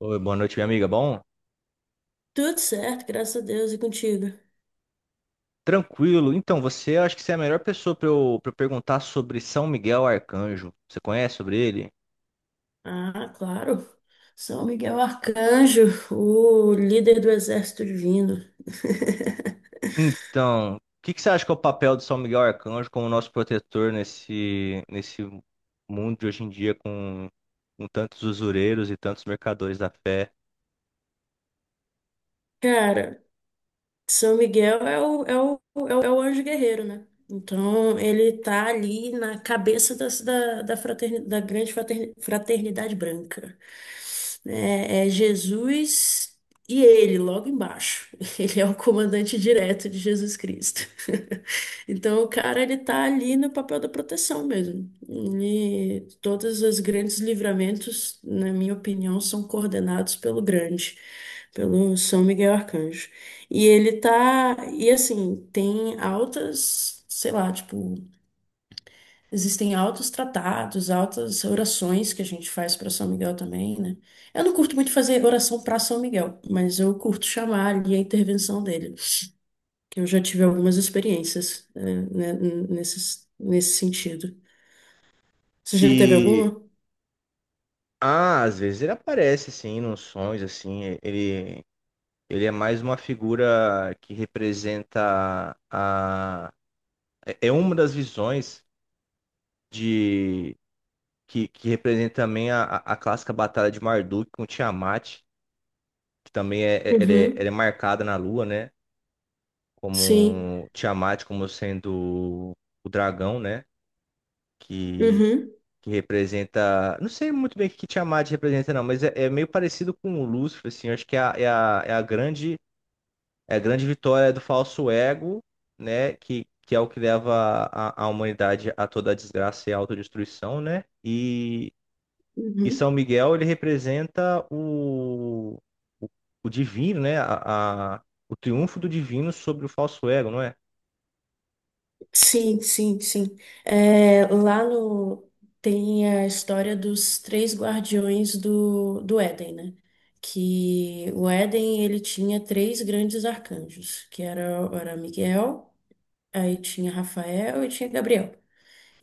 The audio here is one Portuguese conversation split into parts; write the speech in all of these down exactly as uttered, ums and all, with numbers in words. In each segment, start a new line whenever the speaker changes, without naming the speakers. Oi, boa noite, minha amiga. Bom,
Tudo certo, graças a Deus e contigo.
tranquilo. Então, você acho que você é a melhor pessoa para eu, para perguntar sobre São Miguel Arcanjo. Você conhece sobre ele?
Ah, claro. São Miguel Arcanjo, o líder do exército divino.
Então, o que que você acha que é o papel de São Miguel Arcanjo como nosso protetor nesse, nesse mundo de hoje em dia com, com tantos usureiros e tantos mercadores da fé?
Cara, São Miguel é o, é o, é o, é o anjo guerreiro, né? Então, ele tá ali na cabeça da, da, da, fraterni- da grande fraterni- fraternidade branca. É, é Jesus e ele, logo embaixo. Ele é o comandante direto de Jesus Cristo. Então, o cara, ele tá ali no papel da proteção mesmo. E todos os grandes livramentos, na minha opinião, são coordenados pelo grande, pelo São Miguel Arcanjo. E ele tá. E assim, tem altas, sei lá, tipo, existem altos tratados, altas orações que a gente faz para São Miguel também, né? Eu não curto muito fazer oração para São Miguel, mas eu curto chamar ali a intervenção dele. Que Eu já tive algumas experiências, né, né, nesse, nesse sentido. Você já teve
E,
alguma?
ah, Às vezes ele aparece, assim, nos sonhos, assim, ele, ele é mais uma figura que representa a... É é uma das visões de que, que representa também a, a a clássica batalha de Marduk com Tiamat, que também é, é, ela é,
Uhum,
ela é marcada na Lua, né?
sim.
Como Tiamat como sendo o dragão, né? Que,
Uhum,
que representa. Não sei muito bem o que que Tiamat representa, não, mas é, é meio parecido com o Lúcifer, assim. Eu acho que é a, é a, é a grande, é a grande vitória do falso ego, né? Que, que é o que leva a, a humanidade a toda a desgraça e a autodestruição, né? E, E
uhum.
São Miguel, ele representa o, o, o divino, né? A, a- o triunfo do divino sobre o falso ego, não é?
Sim, sim, sim. É, lá no tem a história dos três guardiões do, do Éden, né? Que o Éden ele tinha três grandes arcanjos, que era, era Miguel, aí tinha Rafael e tinha Gabriel.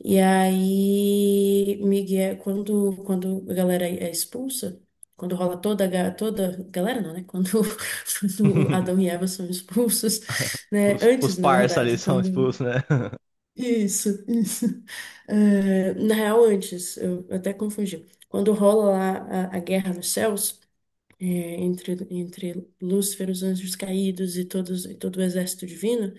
E aí Miguel, quando quando a galera é expulsa, quando rola toda a ga- toda galera não, né? Quando, quando Adão e Eva são expulsos, né?
Os, os
Antes, na
parça ali
verdade,
são
quando
expulsos, né?
isso, isso. Eh, na real, antes, eu até confundi. Quando rola lá a, a guerra nos céus, é, entre, entre Lúcifer, os anjos caídos e, todos, e todo o exército divino,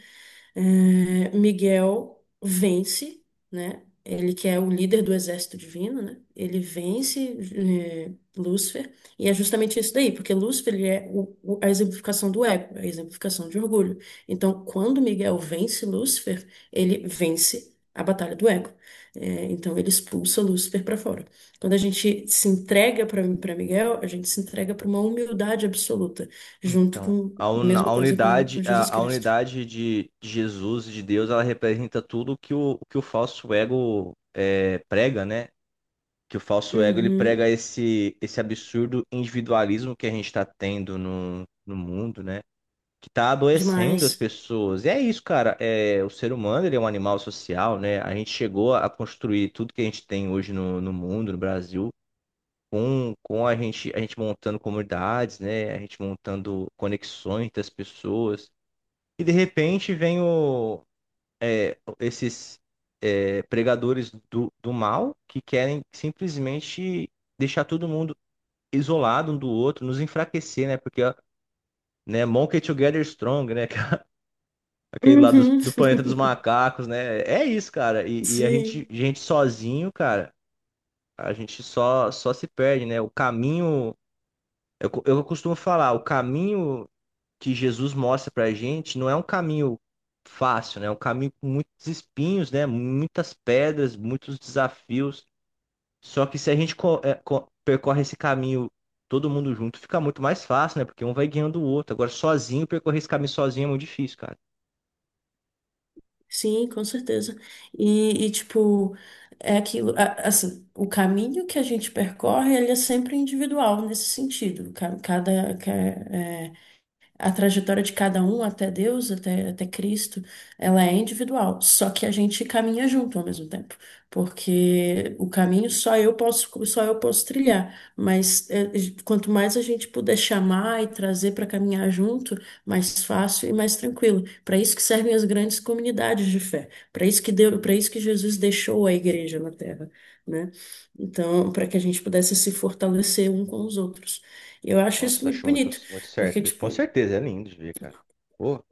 é, Miguel vence, né? Ele que é o líder do exército divino, né? Ele vence é, Lúcifer, e é justamente isso daí, porque Lúcifer ele é o- o- a exemplificação do ego, é a exemplificação de orgulho. Então, quando Miguel vence Lúcifer, ele vence a batalha do ego. É, então, ele expulsa Lúcifer para fora. Quando a gente se entrega para Miguel, a gente se entrega para uma humildade absoluta, junto
Então,
com
a,
a
un-
mesma
a
coisa com,
unidade,
com Jesus
a, a
Cristo.
unidade de de Jesus, e de Deus, ela representa tudo que o, que o falso ego é, prega, né? Que o falso ego ele prega
Uhum,
esse, esse absurdo individualismo que a gente está tendo no, no mundo, né? Que tá adoecendo as
demais.
pessoas. E é isso, cara. É, o ser humano, ele é um animal social, né? A gente chegou a construir tudo que a gente tem hoje no, no mundo, no Brasil, com, com a gente, a gente montando comunidades, né? A gente montando conexões das pessoas. E de repente vem o, esses é, pregadores do, do mal que querem simplesmente deixar todo mundo isolado um do outro, nos enfraquecer, né? Porque, né, Monkey Together Strong, né? Aquele lá dos-
Uhum.
do planeta dos macacos, né? É isso, cara. E, e a gente,
Sim,
gente sozinho, cara, a gente só, só se perde, né? O caminho, eu, co- Eu costumo falar, o caminho que Jesus mostra pra gente não é um caminho fácil, né? É um caminho com muitos espinhos, né? Muitas pedras, muitos desafios. Só que se a gente co- é, co- percorre esse caminho todo mundo junto, fica muito mais fácil, né? Porque um vai guiando o outro. Agora, sozinho, percorrer esse caminho sozinho é muito difícil, cara.
sim, com certeza. E, e, tipo, é aquilo, a- assim, o caminho que a gente percorre, ele é sempre individual nesse sentido. Ca- Cada, A trajetória de cada um até Deus, até, até Cristo, ela é individual. Só que a gente caminha junto ao mesmo tempo, porque o caminho só eu posso, só eu posso trilhar. Mas é, quanto mais a gente puder chamar e trazer para caminhar junto, mais fácil e mais tranquilo. Para isso que servem as grandes comunidades de fé. Para isso que deu, para isso que Jesus deixou a igreja na terra, né? Então, para que a gente pudesse se fortalecer um com os outros. Eu acho isso
Nossa,
muito
acho muito,
bonito.
muito
Porque,
certo isso. Com
tipo,
certeza, é lindo de ver, cara. Pô.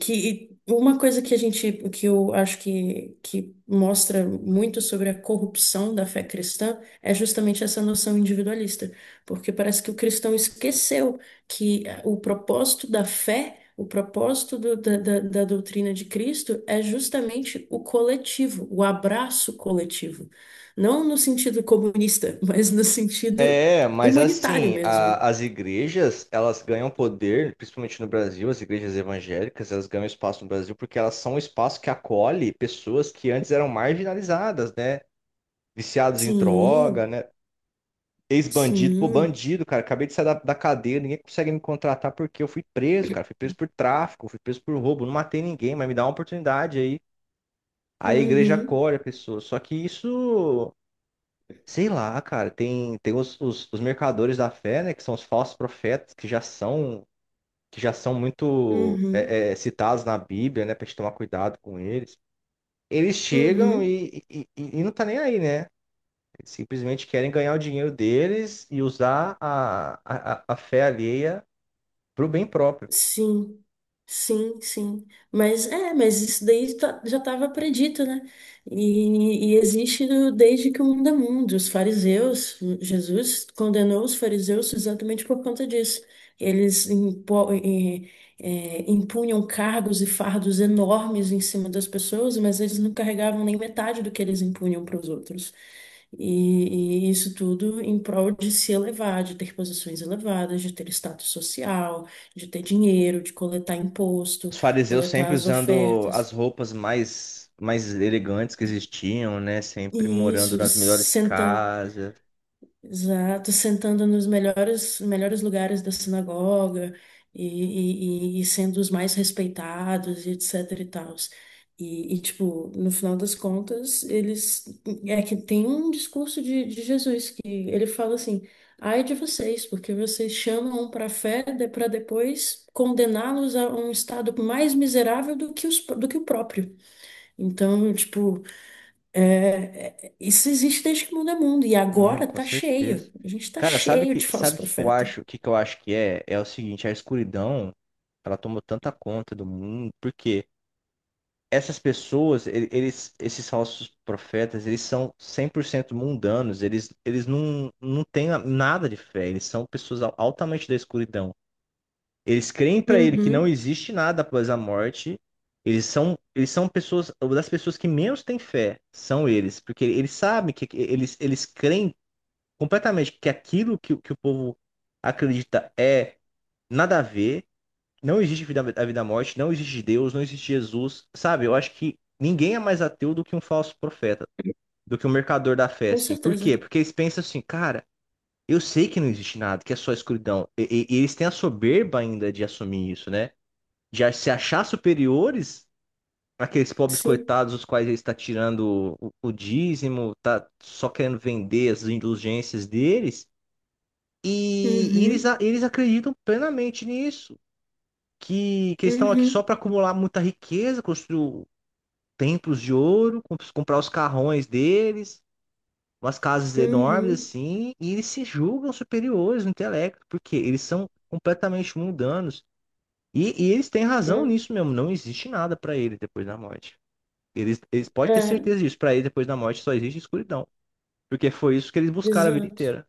que uma coisa que a gente, que eu acho que, que mostra muito sobre a corrupção da fé cristã é justamente essa noção individualista, porque parece que o cristão esqueceu que o propósito da fé, o propósito do- da, da, da doutrina de Cristo é justamente o coletivo, o abraço coletivo. Não no sentido comunista, mas no sentido
É, mas
humanitário
assim,
mesmo.
a- as igrejas, elas ganham poder, principalmente no Brasil, as igrejas evangélicas, elas ganham espaço no Brasil porque elas são um espaço que acolhe pessoas que antes eram marginalizadas, né? Viciados em droga,
Sim,
né? Ex-bandido, pô,
sim.
bandido, cara. Acabei de sair da, da cadeia, ninguém consegue me contratar porque eu fui preso, cara. Fui preso por tráfico, fui preso por roubo, não matei ninguém, mas me dá uma oportunidade aí. Aí a igreja
Uhum,
acolhe a pessoa. Só que isso. Sei lá, cara, tem, tem os, os, os mercadores da fé, né, que são os falsos profetas, que já são, que já são muito
uhum.
é, é, citados na Bíblia, né, pra gente tomar cuidado com eles. Eles chegam
Uhum.
e, e, e- e não tá nem aí, né? Eles simplesmente querem ganhar o dinheiro deles e usar a, a, a a fé alheia pro bem próprio.
Sim, sim, sim. Mas é, mas isso daí tá- já estava predito, né? E, e existe do- desde que o mundo é mundo. Os fariseus, Jesus condenou os fariseus exatamente por conta disso. Eles impo- eh, eh, impunham cargos e fardos enormes em cima das pessoas, mas eles não carregavam nem metade do que eles impunham para os outros. E, e isso tudo em prol de se elevar, de ter posições elevadas, de ter status social, de ter dinheiro, de coletar
Os
imposto,
fariseus
coletar
sempre
as
usando as
ofertas.
roupas mais, mais elegantes que existiam, né, sempre
E
morando
isso,
nas melhores casas.
exato, sentando nos melhores, melhores lugares da sinagoga e, e, e- e sendo os mais respeitados e etc e tals. E, e, tipo, no final das contas, eles... É que tem um discurso de, de Jesus que ele fala assim, ai de vocês, porque vocês chamam para a fé para depois condená-los a um estado mais miserável do que, os, do que o próprio. Então, tipo... É, é, isso existe desde que o mundo é mundo, e
Não,
agora
com
tá
certeza.
cheio. A gente tá
Cara, sabe
cheio
que
de falso
sabe o que que eu
profeta.
acho? O que que eu acho que é? É o seguinte, a escuridão, ela tomou tanta conta do mundo, porque essas pessoas, e- eles, esses falsos profetas, eles são cem por cento mundanos, eles, eles não, não têm a- nada de fé, eles são pessoas al- altamente da escuridão. Eles creem pra ele que não
Uhum,
existe nada após a morte. Eles são, eles são pessoas, uma das pessoas que menos têm fé, são eles, porque eles sabem que que eles, eles creem completamente que aquilo que, o- que o povo acredita é nada a ver, não existe vida, a vida à morte, não existe Deus, não existe Jesus, sabe? Eu acho que ninguém é mais ateu do que um falso profeta, do que um mercador da fé,
com
assim. Por quê?
certeza.
Porque eles pensam assim, cara, eu sei que não existe nada, que é só escuridão. E, e- e eles têm a soberba ainda de assumir isso, né? De a- se achar superiores àqueles pobres
Sim.
coitados, os quais ele está tirando o, o dízimo, tá só querendo vender as indulgências deles. E, e eles,
Uhum,
a- eles acreditam plenamente nisso, que, que eles estão aqui só
uhum,
para acumular muita riqueza, construir templos de ouro, com- comprar os carrões deles, umas casas enormes
uhum.
assim, e eles se julgam superiores no intelecto, porque eles são completamente mundanos. E, e eles têm razão nisso mesmo, não existe nada para eles depois da morte. Eles, eles
É,
podem ter
é,
certeza disso, para eles depois da morte só existe escuridão, porque foi isso que eles buscaram a vida
exato.
inteira.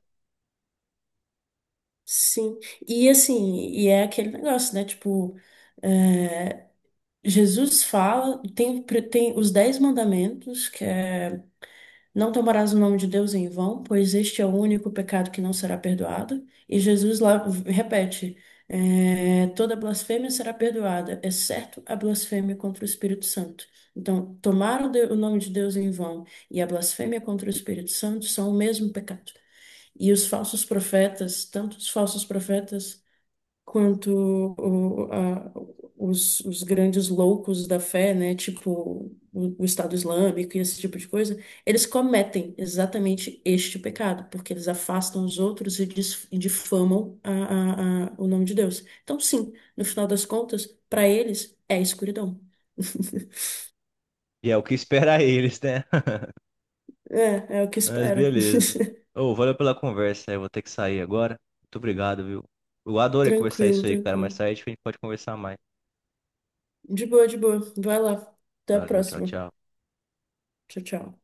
Sim. E assim, e é aquele negócio, né? Tipo, é, Jesus fala, tem, tem os dez mandamentos, que é não tomarás o nome de Deus em vão, pois este é o único pecado que não será perdoado. E Jesus lá repete: é, toda blasfêmia será perdoada, exceto a blasfêmia contra o Espírito Santo. Então, tomar o, de- o nome de Deus em vão e a blasfêmia contra o Espírito Santo são o mesmo pecado. E os falsos profetas, tanto os falsos profetas quanto o- a- os, os grandes loucos da fé, né, tipo o, o Estado Islâmico e esse tipo de coisa, eles cometem exatamente este pecado, porque eles afastam os outros e, dis- e difamam a- a- a- o nome de Deus. Então, sim, no final das contas, para eles é escuridão.
E é o que espera eles, né?
É, é o que
Mas
espera.
beleza. Ô, valeu pela conversa, eu vou ter que sair agora. Muito obrigado, viu? Eu adorei conversar
Tranquilo,
isso aí, cara.
tranquilo.
Mais tarde a gente pode conversar mais.
De boa, de boa. Vai lá. Até a
Valeu, tchau,
próxima.
tchau.
Tchau, tchau.